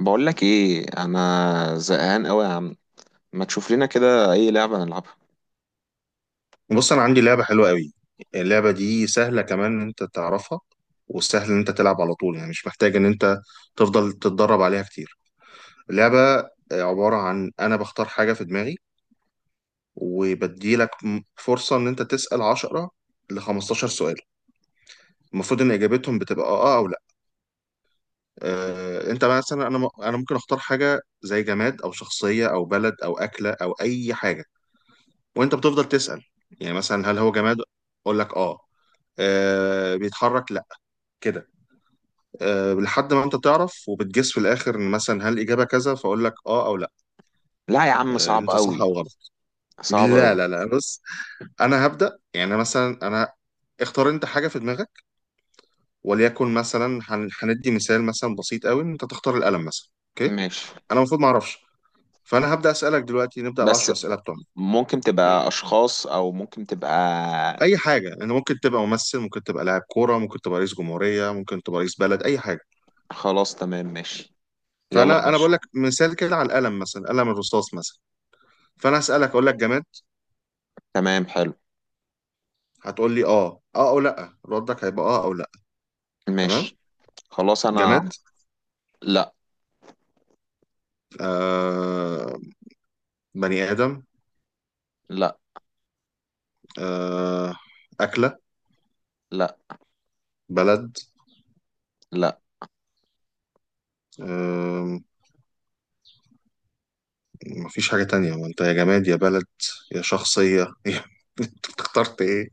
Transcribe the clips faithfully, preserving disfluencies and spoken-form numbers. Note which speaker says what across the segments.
Speaker 1: بقول لك ايه؟ انا زهقان قوي يا عم. ما تشوف لنا كده اي لعبه نلعبها؟
Speaker 2: بص انا عندي لعبه حلوه قوي. اللعبه دي سهله كمان ان انت تعرفها، وسهل ان انت تلعب على طول، يعني مش محتاج ان انت تفضل تتدرب عليها كتير. اللعبه عباره عن انا بختار حاجه في دماغي وبديلك م- فرصه ان انت تسال عشرة ل خمستاشر سؤال. المفروض ان اجابتهم بتبقى اه آه، او لا. آه، انت مثلا، انا م- انا ممكن اختار حاجه زي جماد او شخصيه او بلد او اكله او اي حاجه، وانت بتفضل تسال. يعني مثلا هل هو جماد؟ اقول لك اه. آه، بيتحرك؟ لا. كده. أه، لحد ما انت تعرف وبتجس في الاخر ان مثلا هل الاجابه كذا، فاقول لك اه او لا.
Speaker 1: لا يا عم،
Speaker 2: أه،
Speaker 1: صعب
Speaker 2: انت صح
Speaker 1: قوي.
Speaker 2: او غلط.
Speaker 1: صعب
Speaker 2: لا
Speaker 1: قوي.
Speaker 2: لا لا، بص. انا هبدا يعني مثلا، انا اختار انت حاجه في دماغك، وليكن مثلا هن- هندي مثال مثلا بسيط قوي، ان انت تختار القلم مثلا، اوكي.
Speaker 1: ماشي.
Speaker 2: انا المفروض ما اعرفش، فانا هبدا اسالك دلوقتي، نبدا العشر
Speaker 1: بس
Speaker 2: اسئله بتوعنا.
Speaker 1: ممكن تبقى
Speaker 2: م.
Speaker 1: اشخاص او ممكن تبقى.
Speaker 2: اي حاجه، انا ممكن تبقى ممثل، ممكن تبقى لاعب كوره، ممكن تبقى رئيس جمهوريه، ممكن تبقى رئيس بلد، اي حاجه.
Speaker 1: خلاص تمام ماشي. يلا يا
Speaker 2: فانا انا بقول
Speaker 1: باشا.
Speaker 2: لك مثال كده على القلم، مثلا قلم الرصاص مثلا. فانا اسالك اقول لك جماد،
Speaker 1: تمام حلو.
Speaker 2: هتقول لي اه اه او لا. ردك هيبقى اه او لا.
Speaker 1: ماشي.
Speaker 2: تمام.
Speaker 1: خلاص انا.
Speaker 2: جماد.
Speaker 1: لا،
Speaker 2: آه. بني آدم.
Speaker 1: لا،
Speaker 2: آه. أكلة.
Speaker 1: لا،
Speaker 2: بلد.
Speaker 1: لا.
Speaker 2: آه. مفيش حاجة تانية، ما انت يا جماد، يا بلد، يا شخصية انت اخترت ايه؟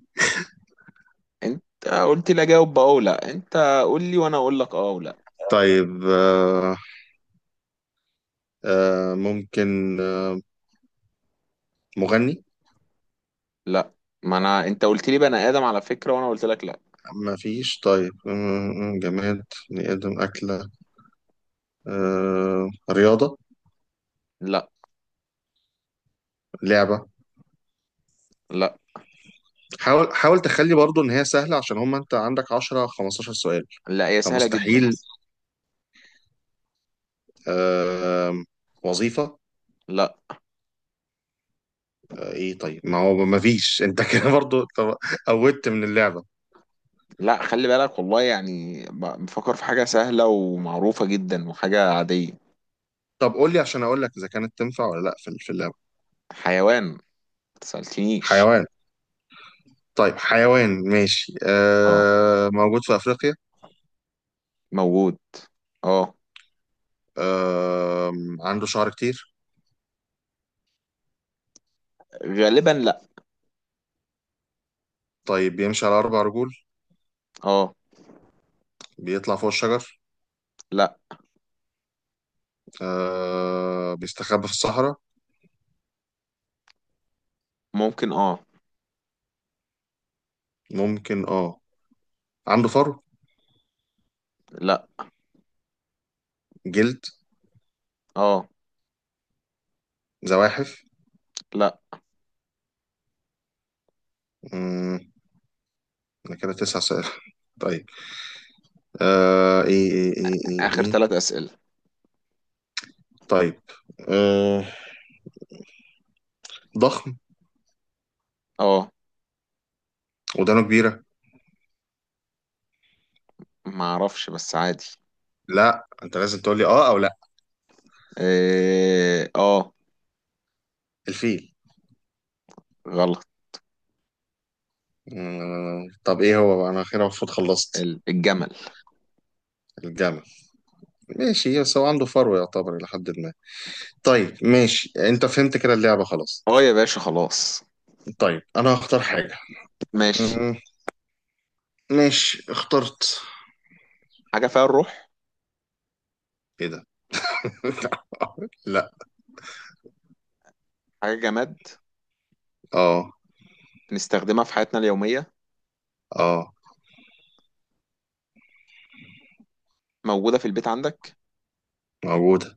Speaker 1: انت قلت لي اجاوب بقى او لا. انت قول لي وانا اقول لك اه او لا.
Speaker 2: طيب آه. آه ممكن. آه، مغني.
Speaker 1: لا، ما انا انت قلت لي بني ادم على فكره وانا قلت لك لا.
Speaker 2: مفيش. طيب آه، آه، جماد، بني آدم، أكلة، آه، رياضة،
Speaker 1: لا،
Speaker 2: لعبة.
Speaker 1: لا.
Speaker 2: حاول، حاول تخلي برضو ان هي سهله، عشان هم انت عندك عشرة، خمستاشر سؤال،
Speaker 1: لا، هي سهله جدا.
Speaker 2: فمستحيل. آم، وظيفه.
Speaker 1: لا،
Speaker 2: آه، ايه؟ طيب ما هو ما فيش، انت كده برضو. طب- قودت من اللعبه.
Speaker 1: لا، خلي بالك والله، يعني ب- بفكر في حاجة سهلة ومعروفة جدا وحاجة عادية.
Speaker 2: طب قول لي عشان اقول لك اذا كانت تنفع ولا لا في في اللعبه.
Speaker 1: حيوان ما تسألتنيش.
Speaker 2: حيوان. طيب حيوان ماشي.
Speaker 1: اه،
Speaker 2: آه، موجود في افريقيا.
Speaker 1: موجود. اه.
Speaker 2: آه، عنده شعر كتير.
Speaker 1: غالبا لا.
Speaker 2: طيب بيمشي على اربع رجول.
Speaker 1: اه.
Speaker 2: بيطلع فوق الشجر.
Speaker 1: لا.
Speaker 2: آه، بيستخبى في الصحراء.
Speaker 1: ممكن اه.
Speaker 2: ممكن اه. عنده فر.
Speaker 1: لا.
Speaker 2: جلد.
Speaker 1: اه.
Speaker 2: زواحف.
Speaker 1: لا.
Speaker 2: امم ده كده تسع سؤال طيب آه، ايه ايه ايه ايه
Speaker 1: آخر
Speaker 2: ايه
Speaker 1: ثلاث أسئلة.
Speaker 2: طيب آه. ضخم.
Speaker 1: اه.
Speaker 2: ودانه كبيرة.
Speaker 1: ما اعرفش بس عادي.
Speaker 2: لا، انت لازم تقول لي اه او لا.
Speaker 1: إيه، اه.
Speaker 2: الفيل.
Speaker 1: غلط.
Speaker 2: مم. طب ايه هو بقى؟ انا اخيرا المفروض خلصت.
Speaker 1: ال- الجمل.
Speaker 2: الجمل. ماشي، بس هو عنده فرو يعتبر الى حد ما. طيب ماشي، انت فهمت كده اللعبة. خلاص
Speaker 1: اه يا باشا، خلاص.
Speaker 2: طيب، انا هختار حاجة.
Speaker 1: ماشي.
Speaker 2: مم. ماشي، اخترت.
Speaker 1: حاجة فيها الروح.
Speaker 2: ايه ده؟ لا.
Speaker 1: حاجة جماد.
Speaker 2: اه.
Speaker 1: بنستخدمها في حياتنا اليومية.
Speaker 2: اه.
Speaker 1: موجودة في البيت عندك.
Speaker 2: موجودة.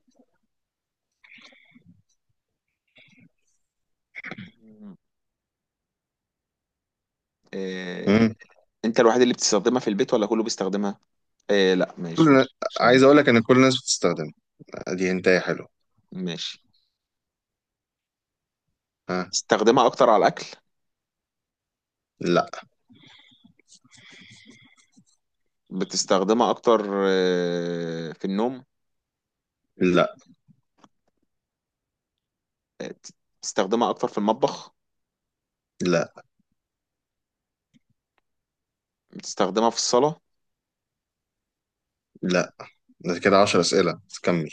Speaker 1: آه.
Speaker 2: مم.
Speaker 1: انت الوحيد اللي بتستخدمها في البيت ولا كله بيستخدمها؟ إيه، لا،
Speaker 2: كل-
Speaker 1: ماشي
Speaker 2: النا-
Speaker 1: ماشي، مش
Speaker 2: عايز
Speaker 1: يعني.
Speaker 2: اقول لك ان كل الناس بتستخدمها. دي انتهي حلو.
Speaker 1: ماشي.
Speaker 2: ها.
Speaker 1: بتستخدمها اكتر على الاكل؟
Speaker 2: لا.
Speaker 1: بتستخدمها اكتر آه في النوم؟
Speaker 2: لا.
Speaker 1: آه. بتستخدمها اكتر في المطبخ؟
Speaker 2: لا.
Speaker 1: بتستخدمها في الصلاة؟
Speaker 2: لا. ده كده عشرة اسئله، كمل.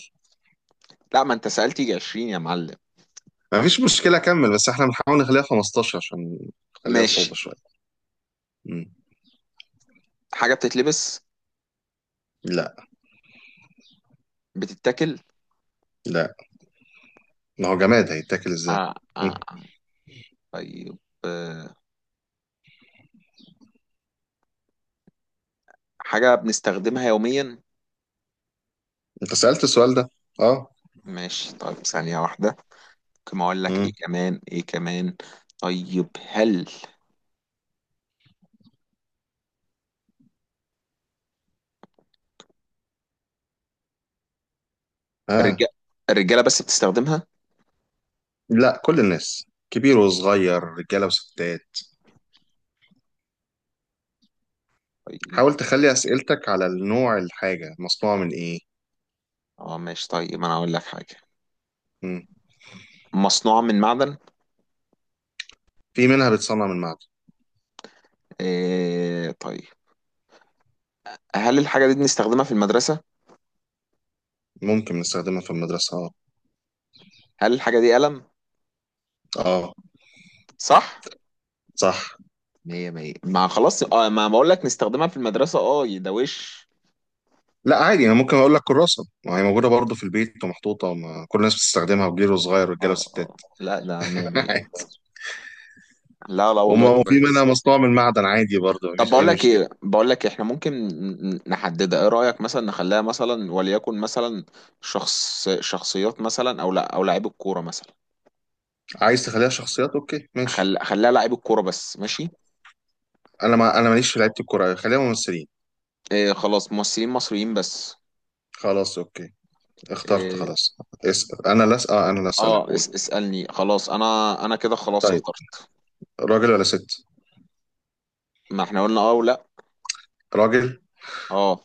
Speaker 1: لا، ما انت سألت يجي عشرين يا معلم.
Speaker 2: ما فيش مشكله كمل، بس احنا بنحاول نخليها خمستاشر عشان نخليها
Speaker 1: ماشي.
Speaker 2: صعبه شويه. مم.
Speaker 1: حاجة بتتلبس؟
Speaker 2: لا.
Speaker 1: بتتاكل؟
Speaker 2: لا، ما هو جماد، هيتاكل ازاي؟
Speaker 1: آه آه
Speaker 2: مم.
Speaker 1: آه. طيب. آه. حاجة بنستخدمها يوميا؟
Speaker 2: انت سالت السؤال ده. اه.
Speaker 1: ماشي طيب، ثانية واحدة. ممكن اقول لك
Speaker 2: مم.
Speaker 1: ايه كمان ايه كمان. طيب، هل الرجال،
Speaker 2: اه.
Speaker 1: الرجالة بس بتستخدمها؟
Speaker 2: لا، كل الناس كبير وصغير، رجاله وستات.
Speaker 1: طيب،
Speaker 2: حاول تخلي اسئلتك على النوع، الحاجه مصنوعه من ايه.
Speaker 1: اه ماشي. طيب انا اقول لك حاجه
Speaker 2: مم.
Speaker 1: مصنوعه من معدن.
Speaker 2: في منها بتصنع من معدن.
Speaker 1: إيه طيب. هل الحاجه دي بنستخدمها في المدرسه؟
Speaker 2: ممكن نستخدمها في المدرسه، اه.
Speaker 1: هل الحاجه دي قلم؟
Speaker 2: اه،
Speaker 1: صح.
Speaker 2: صح.
Speaker 1: مية مية، ما خلاص اه، ما بقول لك نستخدمها في المدرسه اه، ده وش.
Speaker 2: لا عادي، انا ممكن اقول لك كراسه، ما هي موجوده برضه في البيت ومحطوطه، ما كل الناس بتستخدمها وكبير وصغير رجاله
Speaker 1: اه
Speaker 2: وستات
Speaker 1: اه، لا، ده مية مية. لا، لا، والله
Speaker 2: وما في منها
Speaker 1: كويس.
Speaker 2: مصنوع من معدن، عادي برضه
Speaker 1: طب
Speaker 2: مفيش
Speaker 1: بقول
Speaker 2: اي
Speaker 1: لك ايه،
Speaker 2: مشكله.
Speaker 1: بقول لك احنا ممكن ن- نحددها. ايه رايك مثلا نخليها مثلا وليكن مثلا شخص، شخصيات مثلا، او لا او لاعيب الكوره مثلا.
Speaker 2: عايز تخليها شخصيات، اوكي ماشي.
Speaker 1: خل... خليها لاعيب الكوره بس، ماشي.
Speaker 2: انا ما انا ماليش في لعيبه الكوره، خليها ممثلين.
Speaker 1: إيه خلاص، ممثلين مصريين بس.
Speaker 2: خلاص اوكي، اخترت
Speaker 1: إيه
Speaker 2: خلاص. اسال انا لا اسال، آه، انا لا اسالك،
Speaker 1: اه،
Speaker 2: قول.
Speaker 1: اس اسألني خلاص. انا انا كده خلاص
Speaker 2: طيب
Speaker 1: اخترت.
Speaker 2: راجل ولا ست؟
Speaker 1: ما احنا قلنا اه ولا.
Speaker 2: راجل.
Speaker 1: اه.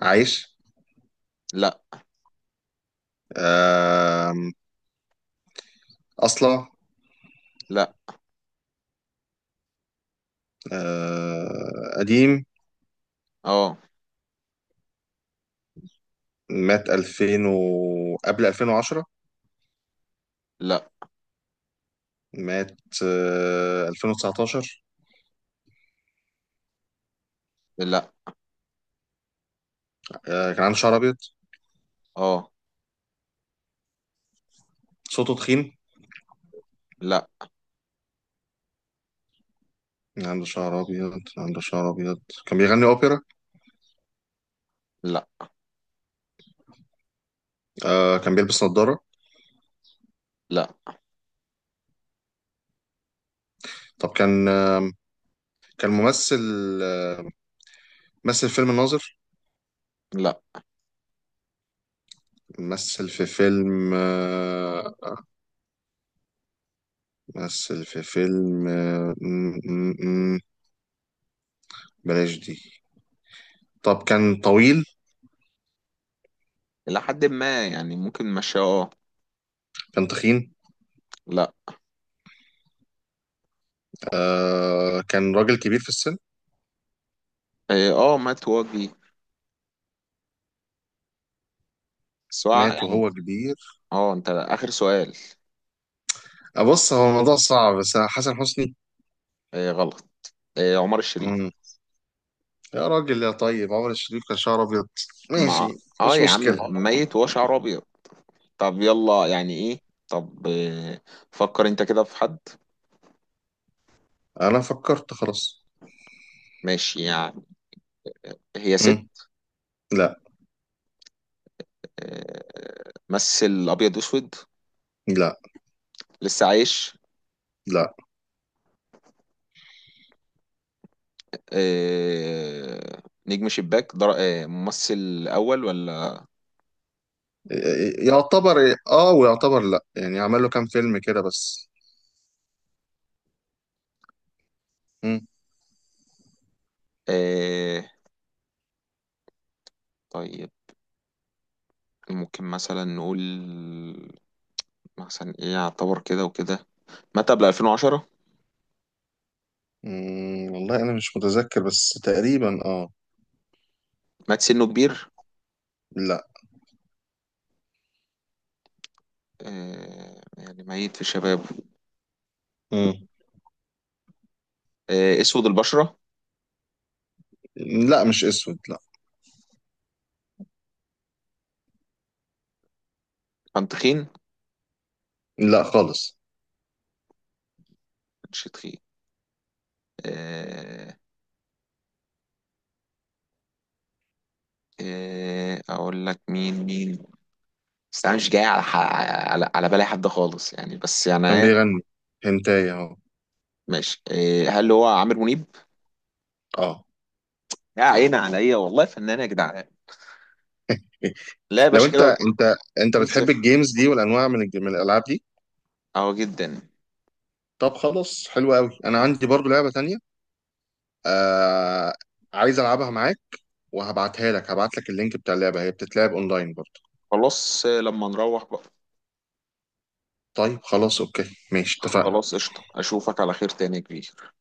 Speaker 2: عايش.
Speaker 1: لا.
Speaker 2: آم، اصلع.
Speaker 1: لا.
Speaker 2: آه، قديم.
Speaker 1: اه.
Speaker 2: مات الفين و... قبل الفين وعشرة.
Speaker 1: لا.
Speaker 2: مات، آه، الفين وتسعتاشر.
Speaker 1: لا.
Speaker 2: آه، كان عنده شعر ابيض.
Speaker 1: اه.
Speaker 2: صوته تخين.
Speaker 1: لا.
Speaker 2: كان عنده شعر ابيض. كان عنده شعر ابيض. كان بيغني اوبرا.
Speaker 1: لا.
Speaker 2: آه، كان بيلبس نظارة.
Speaker 1: لا.
Speaker 2: طب كان، آه، كان ممثل. آه، مثل فيلم الناظر.
Speaker 1: لا.
Speaker 2: مثل في فيلم، آه، مثل في فيلم، آه، م- م- م- بلاش دي. طب كان طويل.
Speaker 1: الى حد ما يعني، ممكن، ماشي اه.
Speaker 2: كان تخين.
Speaker 1: لا.
Speaker 2: آه، كان راجل كبير في السن.
Speaker 1: إيه اه، مات وجدي سواء
Speaker 2: مات
Speaker 1: يعني.
Speaker 2: وهو كبير.
Speaker 1: اه، انت اخر سؤال.
Speaker 2: أبص، هو الموضوع صعب، بس حسن حسني.
Speaker 1: إيه غلط. إيه، عمر الشريف.
Speaker 2: يا راجل يا طيب، عمر الشريف كان شعره ابيض،
Speaker 1: مع.
Speaker 2: ماشي.
Speaker 1: اه
Speaker 2: مش
Speaker 1: يا
Speaker 2: مشكلة.
Speaker 1: عم، ميت وشعره ابيض. طب يلا، يعني ايه. طب إيه. فكر انت كده في حد.
Speaker 2: انا فكرت خلاص.
Speaker 1: ماشي يعني. هي ست؟
Speaker 2: مم. لا.
Speaker 1: آه. مثل ابيض واسود؟
Speaker 2: لا.
Speaker 1: لسه عايش؟
Speaker 2: لا.
Speaker 1: آه، نجم شباك در... آه، ممثل اول ولا؟
Speaker 2: ي- يعتبر إيه؟ اه، ويعتبر لا، يعني عمل له كام فيلم كده بس. مم.
Speaker 1: آه. طيب، ممكن مثلا نقول مثلا ايه يعتبر كده وكده. مات قبل ألفين وعشرة؟
Speaker 2: مم. والله انا مش متذكر بس تقريبا اه.
Speaker 1: مات سنه كبير؟
Speaker 2: لا.
Speaker 1: آه، يعني ميت في شبابه؟
Speaker 2: مم.
Speaker 1: آه، اسود البشرة؟
Speaker 2: لا مش اسود، لا.
Speaker 1: كان تخين؟
Speaker 2: لا خالص.
Speaker 1: كانش تخين. آه. آه، اقول لك مين مين. بس انا مش جاي على ح- على على بالي حد خالص يعني، بس
Speaker 2: كان
Speaker 1: يعني.
Speaker 2: بيغني. هنتاي اهو.
Speaker 1: ماشي، إيه، هل هو عامر منيب؟
Speaker 2: اه.
Speaker 1: يا عيني عليا والله فنان يا جدعان. لا يا
Speaker 2: لو
Speaker 1: باشا،
Speaker 2: انت
Speaker 1: كده
Speaker 2: انت انت
Speaker 1: 2
Speaker 2: بتحب
Speaker 1: 0
Speaker 2: الجيمز دي والانواع من الج- من الالعاب دي.
Speaker 1: اهو جدا.
Speaker 2: طب خلاص حلو قوي، انا عندي برضو لعبة تانية، آه، عايز العبها معاك، وهبعتها لك، هبعت لك اللينك بتاع اللعبه، هي بتتلعب اونلاين برضه.
Speaker 1: خلاص آه، لما نروح بقى.
Speaker 2: طيب خلاص اوكي ماشي، اتفقنا.
Speaker 1: خلاص قشطة، اشوفك على خير تاني يا كبير.